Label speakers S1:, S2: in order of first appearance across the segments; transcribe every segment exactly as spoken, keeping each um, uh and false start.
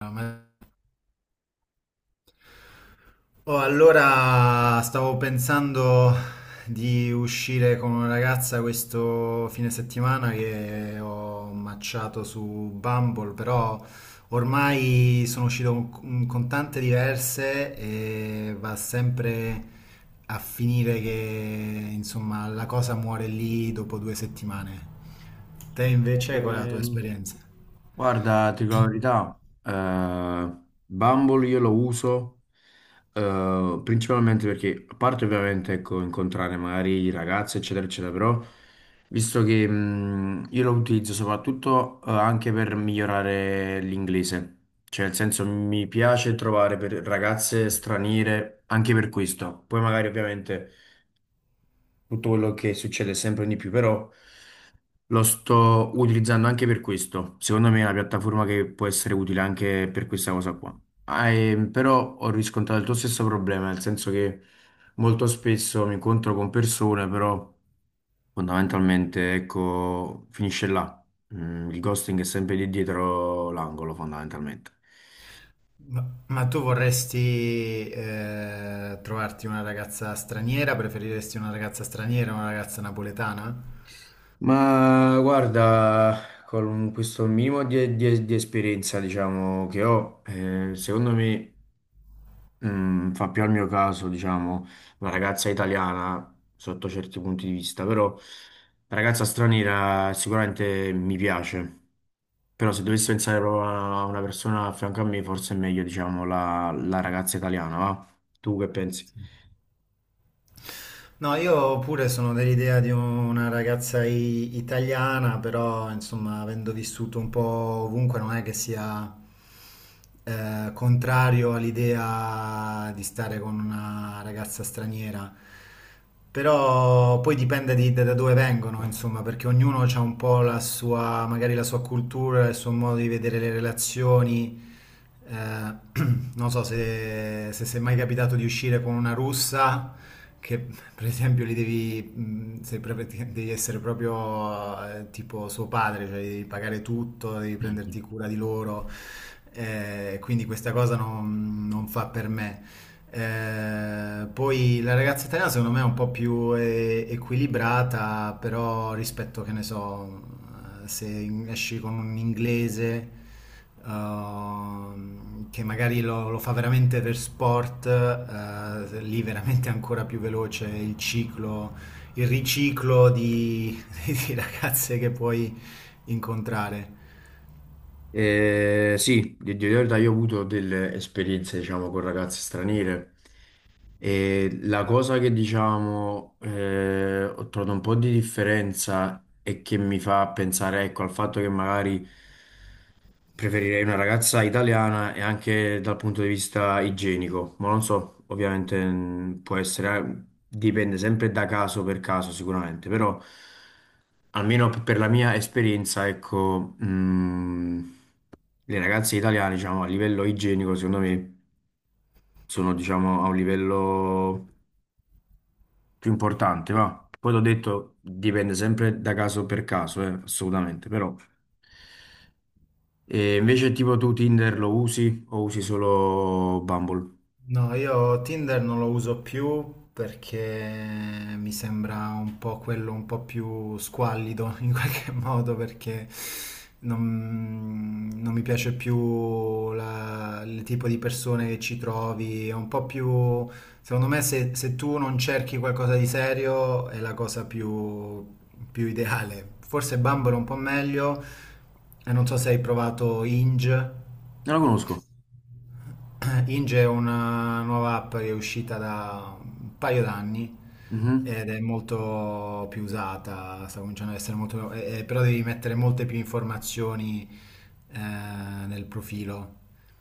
S1: Ma- Oh, allora stavo pensando di uscire con una ragazza questo fine settimana che ho matchato su Bumble, però ormai sono uscito con, con tante diverse e va sempre a finire che insomma la cosa muore lì dopo due settimane. Te invece, qual è la tua
S2: Ehm,
S1: esperienza?
S2: guarda, ti dico la verità, eh, Bumble io lo uso eh, principalmente perché, a parte ovviamente ecco, incontrare magari ragazze, eccetera, eccetera, però visto che mh, io lo utilizzo soprattutto eh, anche per migliorare l'inglese, cioè nel senso mi piace trovare per ragazze straniere anche per questo, poi magari ovviamente tutto quello che succede sempre di più, però lo sto utilizzando anche per questo. Secondo me è una piattaforma che può essere utile anche per questa cosa qua. Ah, e- però ho riscontrato il tuo stesso problema, nel senso che molto spesso mi incontro con persone, però fondamentalmente, ecco, finisce là. Mm, il ghosting è sempre lì dietro l'angolo, fondamentalmente.
S1: Ma, ma tu vorresti eh, trovarti una ragazza straniera? Preferiresti una ragazza straniera o una ragazza napoletana?
S2: Ma guarda, con questo minimo di, di- di esperienza, diciamo, che ho, eh, secondo me Mm, fa più al mio caso, diciamo, una ragazza italiana sotto certi punti di vista, però la ragazza straniera sicuramente mi piace, però se dovessi pensare proprio a una persona a fianco a me, forse è meglio, diciamo, la, la ragazza italiana, va? Tu che pensi?
S1: No, io pure sono dell'idea di una ragazza i- italiana, però insomma, avendo vissuto un po' ovunque, non è che sia eh, contrario all'idea di stare con una ragazza straniera. Però poi dipende di- da da dove vengono, insomma, perché ognuno ha un po' la sua, magari la sua cultura, il suo modo di vedere le relazioni. Eh, Non so se, se, se è mai capitato di uscire con una russa che per esempio li devi, mh, se pre- devi essere proprio eh, tipo suo padre, cioè devi pagare tutto, devi prenderti cura di loro, eh, quindi questa cosa non, non fa per me. Eh, poi la ragazza italiana secondo me è un po' più eh, equilibrata, però rispetto, che ne so, eh, se in- esci con un inglese ehm, che magari lo, lo fa veramente per sport, eh, lì veramente è ancora più veloce il ciclo, il riciclo di, di ragazze che puoi incontrare.
S2: Eh, sì, di di verità io ho avuto delle esperienze, diciamo, con ragazze straniere e la cosa che, diciamo, eh, ho trovato un po' di differenza e che mi fa pensare, ecco, al fatto che magari preferirei una ragazza italiana e anche dal punto di vista igienico, ma non so, ovviamente mh, può essere, eh, dipende sempre da caso per caso sicuramente, però almeno per la mia esperienza, ecco... mh, le ragazze italiane, diciamo, a livello igienico, secondo me, sono, diciamo, a un livello più importante, va. Poi l'ho detto, dipende sempre da caso per caso, eh, assolutamente, però. E invece tipo tu Tinder lo usi o usi solo Bumble?
S1: No, io Tinder non lo uso più perché mi sembra un po' quello un po' più squallido in qualche modo perché non, non mi piace più la- il tipo di persone che ci trovi, è un po' più. Secondo me se, se tu non cerchi qualcosa di serio è la cosa più, più ideale. Forse Bumble è un po' meglio e non so se hai provato Hinge.
S2: Non lo conosco.
S1: Eh, Inge è una nuova app che è uscita da un paio d'anni
S2: Mhm.
S1: ed è molto più usata, sta cominciando ad essere molto. Eh, eh, però devi mettere molte più informazioni eh, nel profilo.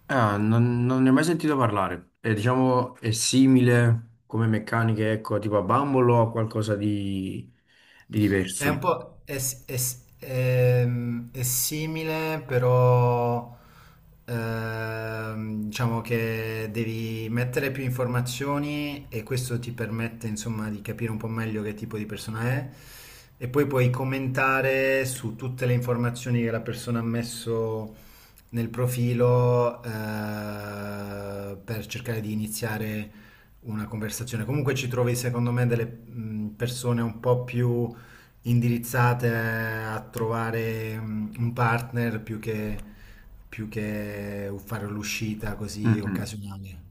S2: Ah, non, non ne ho mai sentito parlare. E diciamo, è simile come meccaniche, ecco, tipo a Bumble o a qualcosa di, di
S1: È un
S2: diverso?
S1: po' è, s- è s- ehm, è simile, però ehm, diciamo che devi mettere più informazioni e questo ti permette insomma di capire un po' meglio che tipo di persona è, e poi puoi commentare su tutte le informazioni che la persona ha messo nel profilo eh, per cercare di iniziare una conversazione. Comunque ci trovi, secondo me, delle mh, persone un po' più indirizzate a trovare mh, un partner più che, più che fare l'uscita così
S2: Mm-mm.
S1: occasionale.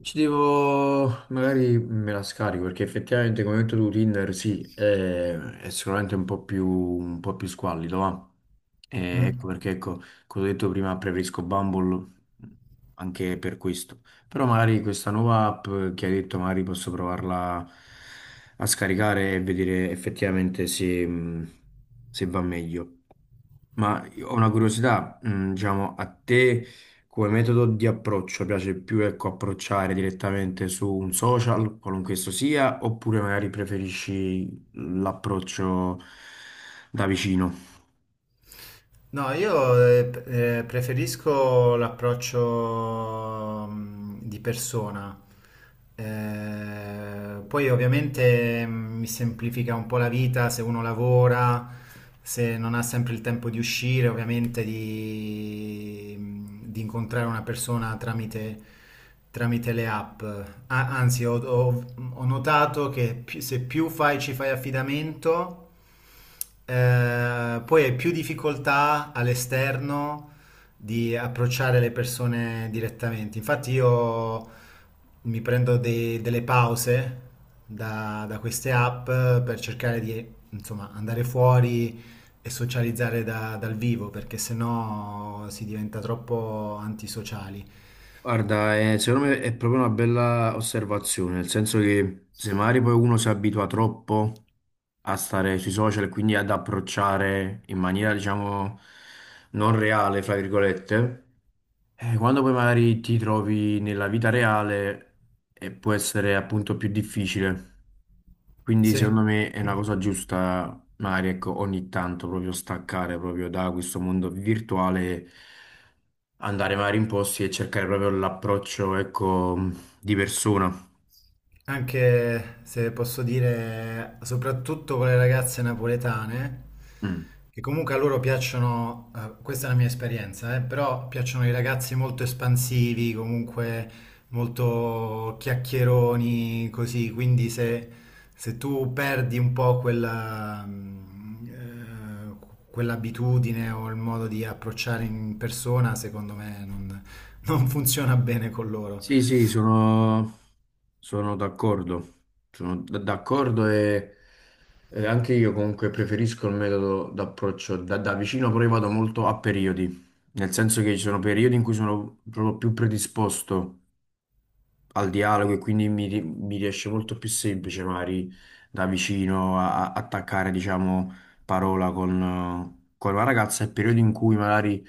S2: Ci devo, magari me la scarico perché effettivamente come hai detto tu Tinder sì, è, è sicuramente un po' più, un po' più squallido, va. E
S1: Mm.
S2: ecco perché, ecco, come ho detto prima, preferisco Bumble anche per questo. Però magari questa nuova app che hai detto, magari posso provarla a scaricare e vedere effettivamente se, mh, se va meglio. Ma io ho una curiosità, mm, diciamo, a te come metodo di approccio piace più, ecco, approcciare direttamente su un social, qualunque esso sia, oppure magari preferisci l'approccio da vicino?
S1: No, io eh, eh, preferisco l'approccio mm, di persona. Eh, poi ovviamente mm, mi semplifica un po' la vita se uno lavora, se non ha sempre il tempo di uscire, ovviamente di, mm, di incontrare una persona tramite, tramite le app. A- anzi, ho, ho- ho notato che pi- se più fai, ci fai affidamento. Eh, poi hai più difficoltà all'esterno di approcciare le persone direttamente. Infatti io mi prendo dei- delle pause da, da queste app per cercare di, insomma, andare fuori e socializzare da- dal vivo, perché sennò si diventa troppo antisociali.
S2: Guarda, eh, secondo me è proprio una bella osservazione, nel senso che se magari poi uno si abitua troppo a stare sui social e quindi ad approcciare in maniera, diciamo, non reale, fra virgolette, eh, quando poi magari ti trovi nella vita reale eh, può essere appunto più difficile. Quindi
S1: Sì.
S2: secondo me è una cosa giusta, magari ecco, ogni tanto proprio staccare proprio da questo mondo virtuale, andare magari in posti e cercare proprio l'approccio, ecco, di persona.
S1: Anche se posso dire, soprattutto con le ragazze napoletane,
S2: Mm.
S1: che comunque a loro piacciono, eh, questa è la mia esperienza, eh, però piacciono i ragazzi molto espansivi, comunque molto chiacchieroni, così, quindi se, se tu perdi un po' quella, mm, eh, quell'abitudine o il modo di approcciare in persona, secondo me non non funziona bene con loro.
S2: Sì, sì, sono, sono d'accordo, sono d- d'accordo e, e anche io comunque preferisco il metodo d'approccio da, da vicino, però io vado molto a periodi, nel senso che ci sono periodi in cui sono proprio più predisposto al dialogo e quindi mi, ri- mi riesce molto più semplice magari da vicino a- a- attaccare, diciamo, parola con, eh, con una ragazza, è periodo in cui magari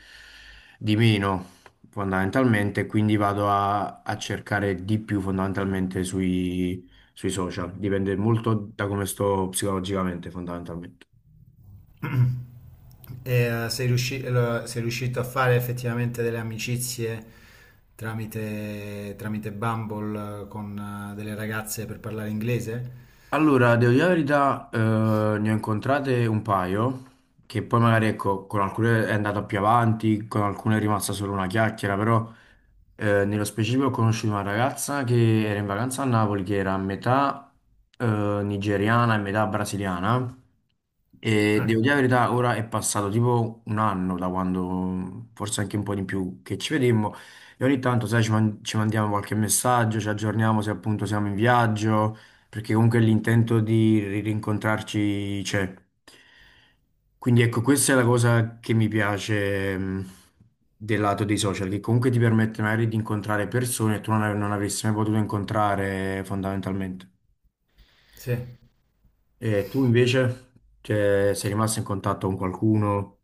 S2: di meno fondamentalmente, quindi vado a, a cercare di più fondamentalmente sui, sui social, dipende molto da come sto psicologicamente fondamentalmente.
S1: E eh, sei riusci- eh, lo- sei riuscito a fare effettivamente delle amicizie tramite, tramite Bumble eh, con eh, delle ragazze per parlare inglese?
S2: Allora, devo dire la verità, eh, ne ho incontrate un paio, che poi magari ecco, con alcune è andata più avanti, con alcune è rimasta solo una chiacchiera, però eh, nello specifico ho conosciuto una ragazza che era in vacanza a Napoli, che era a metà eh, nigeriana e metà brasiliana, e
S1: Ah,
S2: devo dire la
S1: cavolo.
S2: verità, ora è passato tipo un anno da quando, forse anche un po' di più, che ci vedemmo, e ogni tanto, sai, ci, man- ci mandiamo qualche messaggio, ci aggiorniamo se appunto siamo in viaggio perché comunque l'intento di ri- rincontrarci c'è. Quindi ecco, questa è la cosa che mi piace mh, del lato dei social, che comunque ti permette magari di incontrare persone che tu non, av- non avresti mai potuto incontrare fondamentalmente.
S1: Sì.
S2: E tu invece, cioè, sei rimasto in contatto con qualcuno?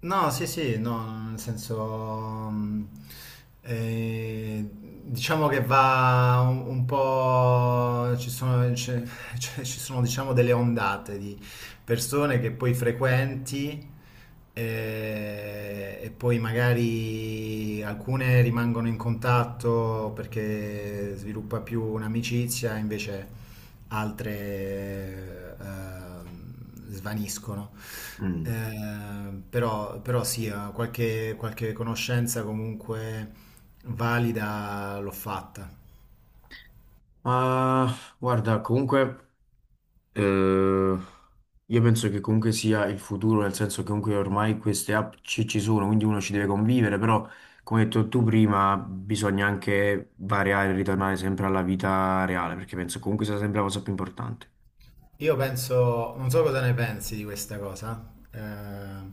S1: No, sì, sì, no, nel senso, mm, eh, diciamo che va un, un po', ci sono, c'è- c'è- ci sono, diciamo, delle ondate di persone che poi frequenti eh, e poi magari alcune rimangono in contatto perché sviluppa più un'amicizia, invece altre eh, svaniscono.
S2: Mm.
S1: Eh, però, però sì, eh, qualche, qualche conoscenza comunque valida l'ho fatta.
S2: Ma guarda, comunque. Eh, io penso che comunque sia il futuro, nel senso che comunque ormai queste app ci, ci sono, quindi uno ci deve convivere, però come hai detto tu prima, bisogna anche variare e ritornare sempre alla vita reale, perché penso comunque sia sempre la cosa più importante.
S1: Io penso, non so cosa ne pensi di questa cosa, eh,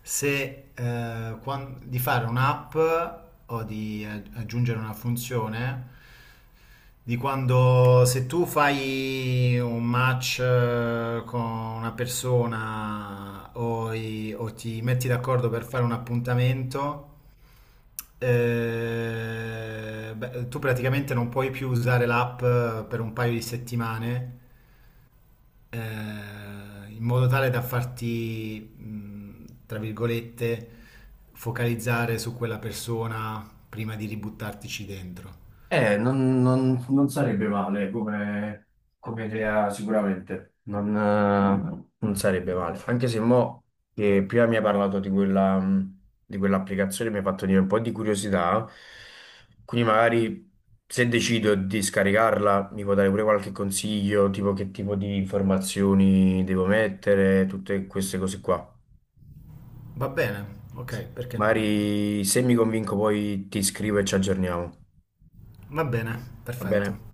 S1: se, eh, quan- di fare un'app o di aggi- aggiungere una funzione di quando se tu fai un match eh, con una persona, o i- o ti metti d'accordo per fare un appuntamento. Eh, beh, tu praticamente non puoi più usare l'app eh, per un paio di settimane, eh, in modo tale da farti, mh, tra virgolette, focalizzare su quella persona prima di ributtartici dentro.
S2: Eh, non, non- non sarebbe male come, come idea sicuramente, non, eh, non sarebbe male, anche se mo che prima mi hai parlato di quella, mh, di quell'applicazione mi ha fatto venire un po' di curiosità, quindi magari se decido di scaricarla mi può dare pure qualche consiglio, tipo che tipo di informazioni devo mettere, tutte queste cose qua.
S1: Va bene, ok, perché no?
S2: Magari se mi convinco poi ti scrivo e ci aggiorniamo,
S1: Va bene,
S2: va bene?
S1: perfetto.